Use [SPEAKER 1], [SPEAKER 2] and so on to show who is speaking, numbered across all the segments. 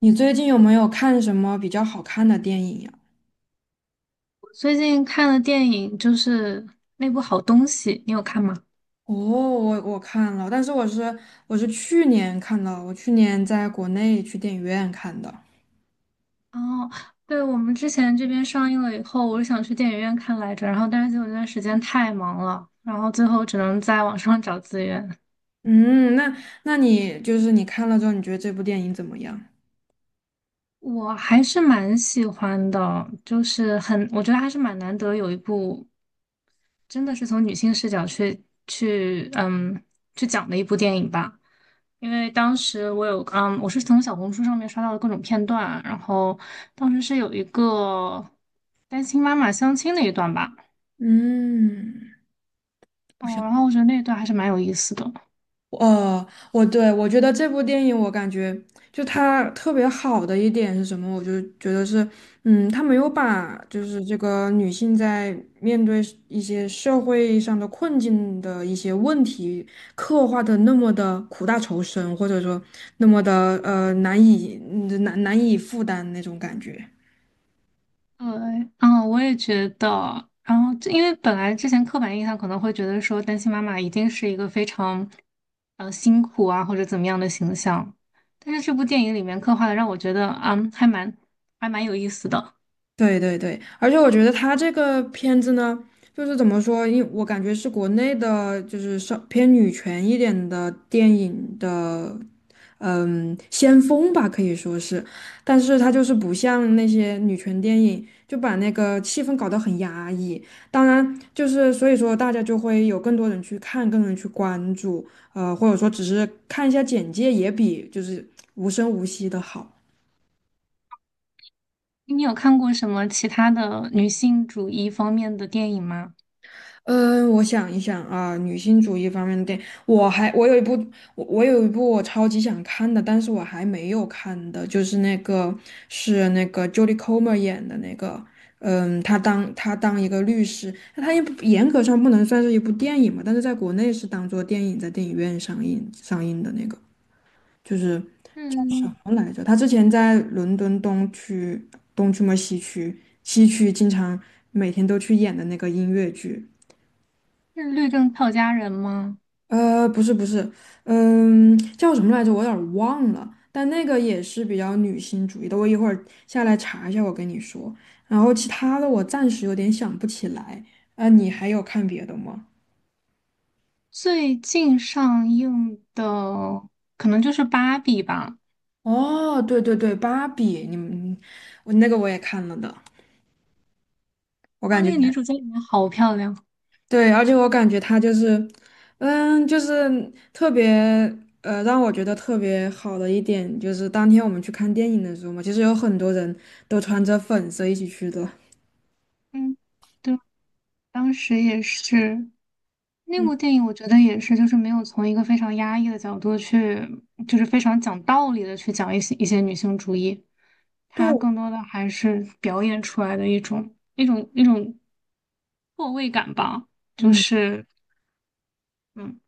[SPEAKER 1] 你最近有没有看什么比较好看的电影呀？
[SPEAKER 2] 最近看的电影就是那部《好东西》，你有看吗？
[SPEAKER 1] 哦，我看了，但是我是去年看的，我去年在国内去电影院看的。
[SPEAKER 2] 哦，对，我们之前这边上映了以后，我是想去电影院看来着，然后但是结果那段时间太忙了，然后最后只能在网上找资源。
[SPEAKER 1] 嗯，那那你就是你看了之后，你觉得这部电影怎么样？
[SPEAKER 2] 我还是蛮喜欢的，就是很，我觉得还是蛮难得有一部真的是从女性视角去去讲的一部电影吧。因为当时我有，嗯，我是从小红书上面刷到的各种片段，然后当时是有一个单亲妈妈相亲那一段吧，
[SPEAKER 1] 嗯，不
[SPEAKER 2] 哦，
[SPEAKER 1] 像。
[SPEAKER 2] 然后我觉得那一段还是蛮有意思的。
[SPEAKER 1] 呃，我觉得这部电影，我感觉就它特别好的一点是什么？我就觉得是，它没有把就是这个女性在面对是一些社会上的困境的一些问题刻画的那么的苦大仇深，或者说那么的难以难以负担那种感觉。
[SPEAKER 2] 对，嗯，我也觉得。然后这，因为本来之前刻板印象可能会觉得说单亲妈妈一定是一个非常，辛苦啊或者怎么样的形象，但是这部电影里面刻画的让我觉得，嗯，还蛮有意思的。
[SPEAKER 1] 对对对，而且我觉得他这个片子呢，就是怎么说，因我感觉是国内的，就是稍偏女权一点的电影的先锋吧，可以说是。但是他就是不像那些女权电影，就把那个气氛搞得很压抑。当然，就是所以说大家就会有更多人去看，更多人去关注，或者说只是看一下简介，也比就是无声无息的好。
[SPEAKER 2] 你有看过什么其他的女性主义方面的电影吗？
[SPEAKER 1] 嗯，我想一想啊，女性主义方面的电影，我有一部我有一部我超级想看的，但是我还没有看的，就是那个是那个 Jodie Comer 演的那个，嗯，她当一个律师，那她也不严格上不能算是一部电影嘛，但是在国内是当做电影在电影院上映的那个，就是什
[SPEAKER 2] 嗯，
[SPEAKER 1] 么来着？她之前在伦敦东区西区经常每天都去演的那个音乐剧。
[SPEAKER 2] 是律政俏佳人吗？
[SPEAKER 1] 呃，不是，嗯，叫什么来着？我有点儿忘了。但那个也是比较女性主义的，我一会儿下来查一下，我跟你说。然后其他的我暂时有点想不起来。啊，你还有看别的吗？
[SPEAKER 2] 最近上映的可能就是《芭比》吧。
[SPEAKER 1] 哦，对对对，芭比，你们我那个我也看了的，我
[SPEAKER 2] 哇，
[SPEAKER 1] 感觉
[SPEAKER 2] 那个 女主在里面好漂亮。
[SPEAKER 1] 对，而且我感觉它就是，嗯，就是特别让我觉得特别好的一点就是当天我们去看电影的时候嘛，其实有很多人都穿着粉色一起去的。
[SPEAKER 2] 嗯，对，当时也是那部
[SPEAKER 1] 嗯，
[SPEAKER 2] 电影，我觉得也是，就是没有从一个非常压抑的角度去，就是非常讲道理的去讲一些女性主义，
[SPEAKER 1] 对，
[SPEAKER 2] 它更多的还是表演出来的一种错位感吧，就
[SPEAKER 1] 嗯，
[SPEAKER 2] 是。嗯。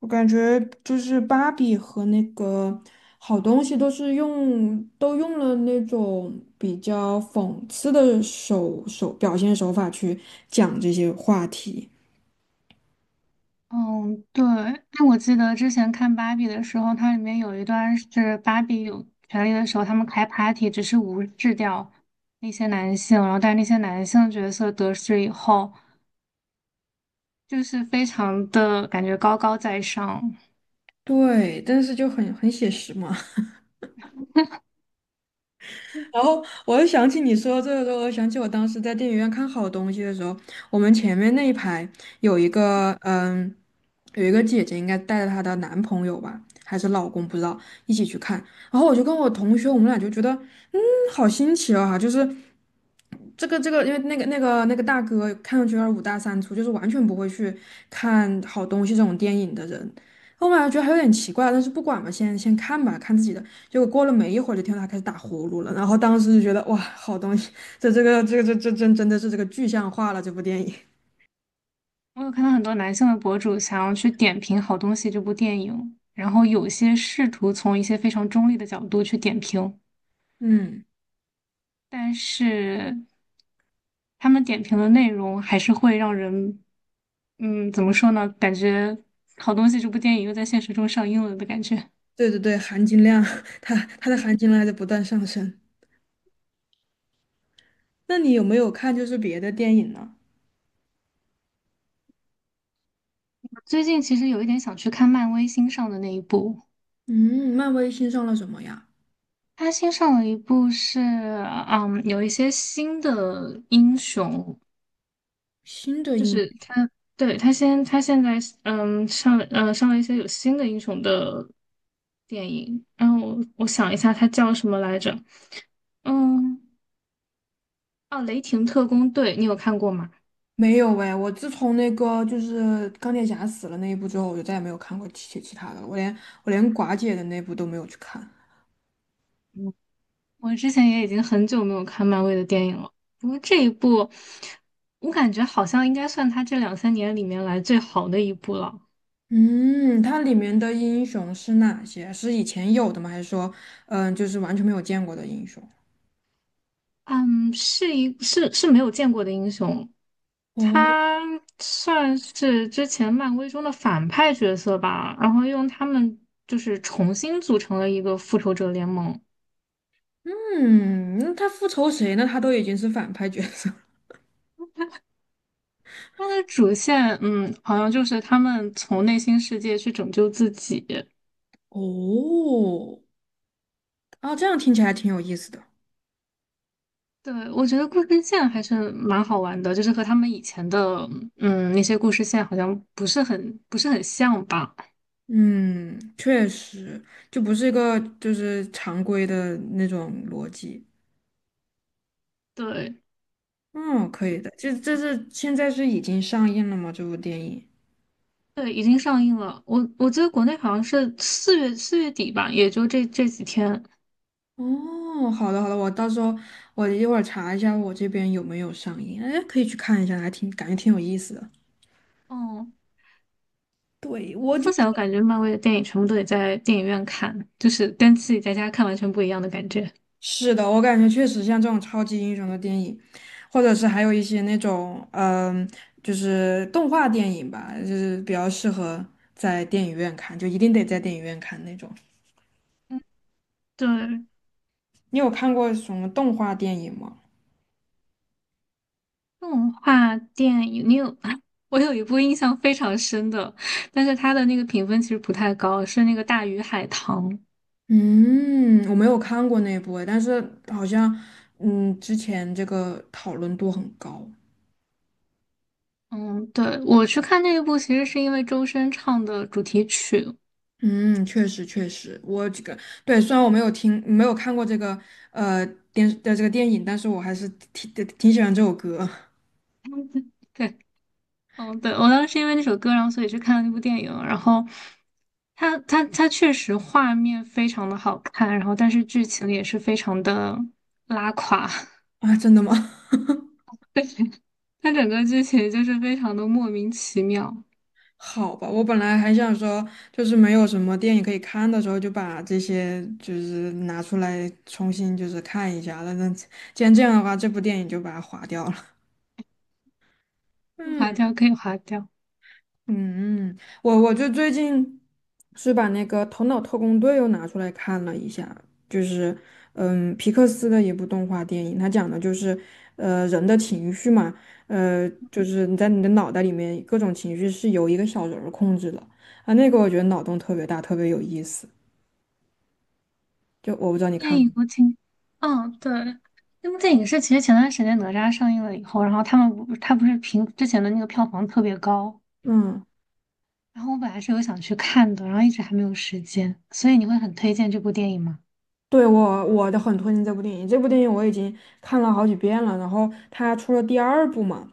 [SPEAKER 1] 我感觉就是芭比和那个好东西都是用了那种比较讽刺的表现手法去讲这些话题。
[SPEAKER 2] 嗯，对，哎，我记得之前看芭比的时候，它里面有一段是芭比有权利的时候，他们开 party 只是无视掉那些男性，然后但是那些男性角色得势以后，就是非常的感觉高高在上。
[SPEAKER 1] 对，但是就很写实嘛。然后我又想起你说这个时候，我想起我当时在电影院看好东西的时候，我们前面那一排有一个有一个姐姐应该带着她的男朋友吧，还是老公不知道，一起去看。然后我就跟我同学，我们俩就觉得嗯，好新奇啊，就是这个，因为那个大哥看上去有点五大三粗，就是完全不会去看好东西这种电影的人。后面还觉得还有点奇怪，但是不管嘛，先看吧，看自己的。结果过了没一会儿，就听到他开始打呼噜了，然后当时就觉得哇，好东西，这真的是这个具象化了这部电影。
[SPEAKER 2] 我有看到很多男性的博主想要去点评好东西这部电影，然后有些试图从一些非常中立的角度去点评。
[SPEAKER 1] 嗯，
[SPEAKER 2] 但是他们点评的内容还是会让人，嗯，怎么说呢？感觉好东西，这部电影又在现实中上映了的感觉。
[SPEAKER 1] 对对对，含金量，它它的含金量还在不断上升。那你有没有看就是别的电影呢？
[SPEAKER 2] 我最近其实有一点想去看漫威新上的那一部，
[SPEAKER 1] 嗯，漫威新上了什么呀？
[SPEAKER 2] 他新上了一部是，嗯，有一些新的英雄，
[SPEAKER 1] 新的
[SPEAKER 2] 就
[SPEAKER 1] 影
[SPEAKER 2] 是他对，他现在，嗯，上，嗯上了一些有新的英雄的电影，然后我想一下，它叫什么来着？嗯，哦，雷霆特工队，你有看过吗？
[SPEAKER 1] 没有哎，我自从那个就是钢铁侠死了那一部之后，我就再也没有看过其他的了。我连我连寡姐的那部都没有去看。
[SPEAKER 2] 我之前也已经很久没有看漫威的电影了，不过这一部，我感觉好像应该算他这两三年里面来最好的一部了。
[SPEAKER 1] 嗯，它里面的英雄是哪些？是以前有的吗？还是说，嗯，就是完全没有见过的英雄？
[SPEAKER 2] 嗯，是一是是没有见过的英雄，
[SPEAKER 1] 哦，
[SPEAKER 2] 他算是之前漫威中的反派角色吧，然后用他们就是重新组成了一个复仇者联盟。
[SPEAKER 1] 嗯，那他复仇谁呢？他都已经是反派角色了
[SPEAKER 2] 它的主线，嗯，好像就是他们从内心世界去拯救自己，
[SPEAKER 1] 哦，啊，这样听起来挺有意思的。
[SPEAKER 2] 对，我觉得故事线还是蛮好玩的，就是和他们以前的嗯那些故事线好像不是很像吧？
[SPEAKER 1] 嗯，确实，就不是一个就是常规的那种逻辑。
[SPEAKER 2] 对
[SPEAKER 1] 嗯，可以的。就这是现在是已经上映了吗？这部电影？
[SPEAKER 2] 对，已经上映了，我记得国内好像是四月底吧，也就这几天。
[SPEAKER 1] 哦，好的好的，我到时候我一会儿查一下我这边有没有上映，哎，可以去看一下，还挺感觉挺有意思的。
[SPEAKER 2] 嗯，
[SPEAKER 1] 对，
[SPEAKER 2] 怎
[SPEAKER 1] 我
[SPEAKER 2] 么
[SPEAKER 1] 就
[SPEAKER 2] 说
[SPEAKER 1] 是
[SPEAKER 2] 起来，我感觉漫威的电影全部都得在电影院看，就是跟自己在家看完全不一样的感觉。
[SPEAKER 1] 是的，我感觉确实像这种超级英雄的电影，或者是还有一些那种嗯，就是动画电影吧，就是比较适合在电影院看，就一定得在电影院看那种。
[SPEAKER 2] 嗯，对，
[SPEAKER 1] 你有看过什么动画电影吗？
[SPEAKER 2] 动画电影，你有 我有一部印象非常深的，但是它的那个评分其实不太高，是那个《大鱼海棠》。
[SPEAKER 1] 嗯，我没有看过那部诶，但是好像，嗯，之前这个讨论度很高。
[SPEAKER 2] 嗯，对，我去看那一部，其实是因为周深唱的主题曲。
[SPEAKER 1] 嗯，确实确实，我这个对，虽然我没有听没有看过这个呃电的这个电影，但是我还是挺喜欢这首歌
[SPEAKER 2] 对，嗯，对，我当时因为那首歌，然后所以去看了那部电影。然后它确实画面非常的好看，然后但是剧情也是非常的拉垮。
[SPEAKER 1] 啊，真的吗？
[SPEAKER 2] 它整个剧情就是非常的莫名其妙，
[SPEAKER 1] 好吧，我本来还想说，就是没有什么电影可以看的时候，就把这些就是拿出来重新就是看一下了。那既然这样的话，这部电影就把它划掉了。
[SPEAKER 2] 划
[SPEAKER 1] 嗯。
[SPEAKER 2] 掉可以划掉。
[SPEAKER 1] 嗯，我就最近是把那个《头脑特工队》又拿出来看了一下，就是嗯，皮克斯的一部动画电影，它讲的就是人的情绪嘛，呃，就是你在你的脑袋里面各种情绪是由一个小人儿控制的啊，那个我觉得脑洞特别大，特别有意思，就我不知道你
[SPEAKER 2] 电
[SPEAKER 1] 看过，
[SPEAKER 2] 影我挺，嗯，对，那部电影是其实前段时间哪吒上映了以后，然后他们不，它不是评之前的那个票房特别高。
[SPEAKER 1] 嗯。
[SPEAKER 2] 然后我本来是有想去看的，然后一直还没有时间，所以你会很推荐这部电影吗？
[SPEAKER 1] 对，我我的很推荐这部电影，这部电影我已经看了好几遍了。然后它出了第二部嘛，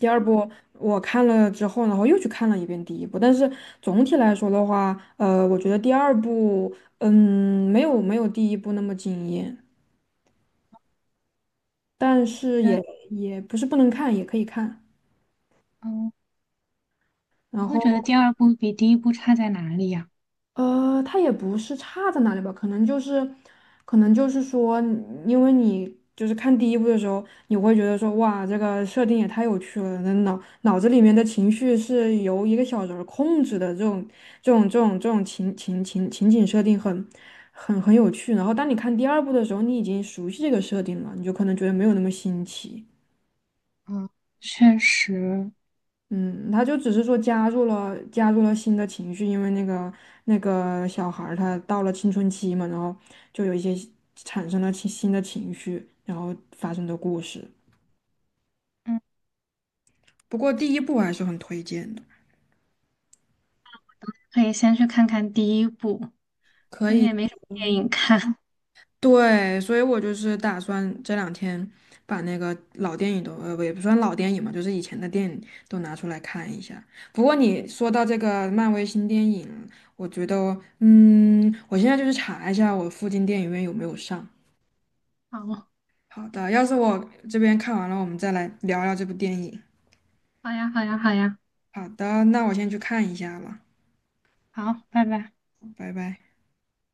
[SPEAKER 1] 第二部我看了之后，然后又去看了一遍第一部。但是总体来说的话，呃，我觉得第二部，嗯，没有第一部那么惊艳，但是
[SPEAKER 2] 觉
[SPEAKER 1] 也也不是不能看，也可以看。
[SPEAKER 2] 嗯，你
[SPEAKER 1] 然
[SPEAKER 2] 会觉得
[SPEAKER 1] 后。
[SPEAKER 2] 第二部比第一部差在哪里呀？
[SPEAKER 1] 呃，它也不是差在哪里吧，可能就是，可能就是说，因为你就是看第一部的时候，你会觉得说，哇，这个设定也太有趣了，那脑子里面的情绪是由一个小人儿控制的，这种情景设定很有趣。然后当你看第二部的时候，你已经熟悉这个设定了，你就可能觉得没有那么新奇。
[SPEAKER 2] 嗯，确实，
[SPEAKER 1] 嗯，他就只是说加入了新的情绪，因为那个小孩儿他到了青春期嘛，然后就有一些产生了新的情绪，然后发生的故事。
[SPEAKER 2] 嗯，
[SPEAKER 1] 不过第一部还是很推荐的，
[SPEAKER 2] 可以先去看看第一部，
[SPEAKER 1] 可
[SPEAKER 2] 最近
[SPEAKER 1] 以。
[SPEAKER 2] 也没什么电影看。
[SPEAKER 1] 对，所以我就是打算这两天把那个老电影都，呃，也不算老电影嘛，就是以前的电影都拿出来看一下。不过你说到这个漫威新电影，我觉得，嗯，我现在就是查一下我附近电影院有没有上。
[SPEAKER 2] 好，
[SPEAKER 1] 好的，要是我这边看完了，我们再来聊聊这部电影。
[SPEAKER 2] 好呀，好呀，好呀，
[SPEAKER 1] 好的，那我先去看一下了，
[SPEAKER 2] 好，拜拜。
[SPEAKER 1] 拜拜。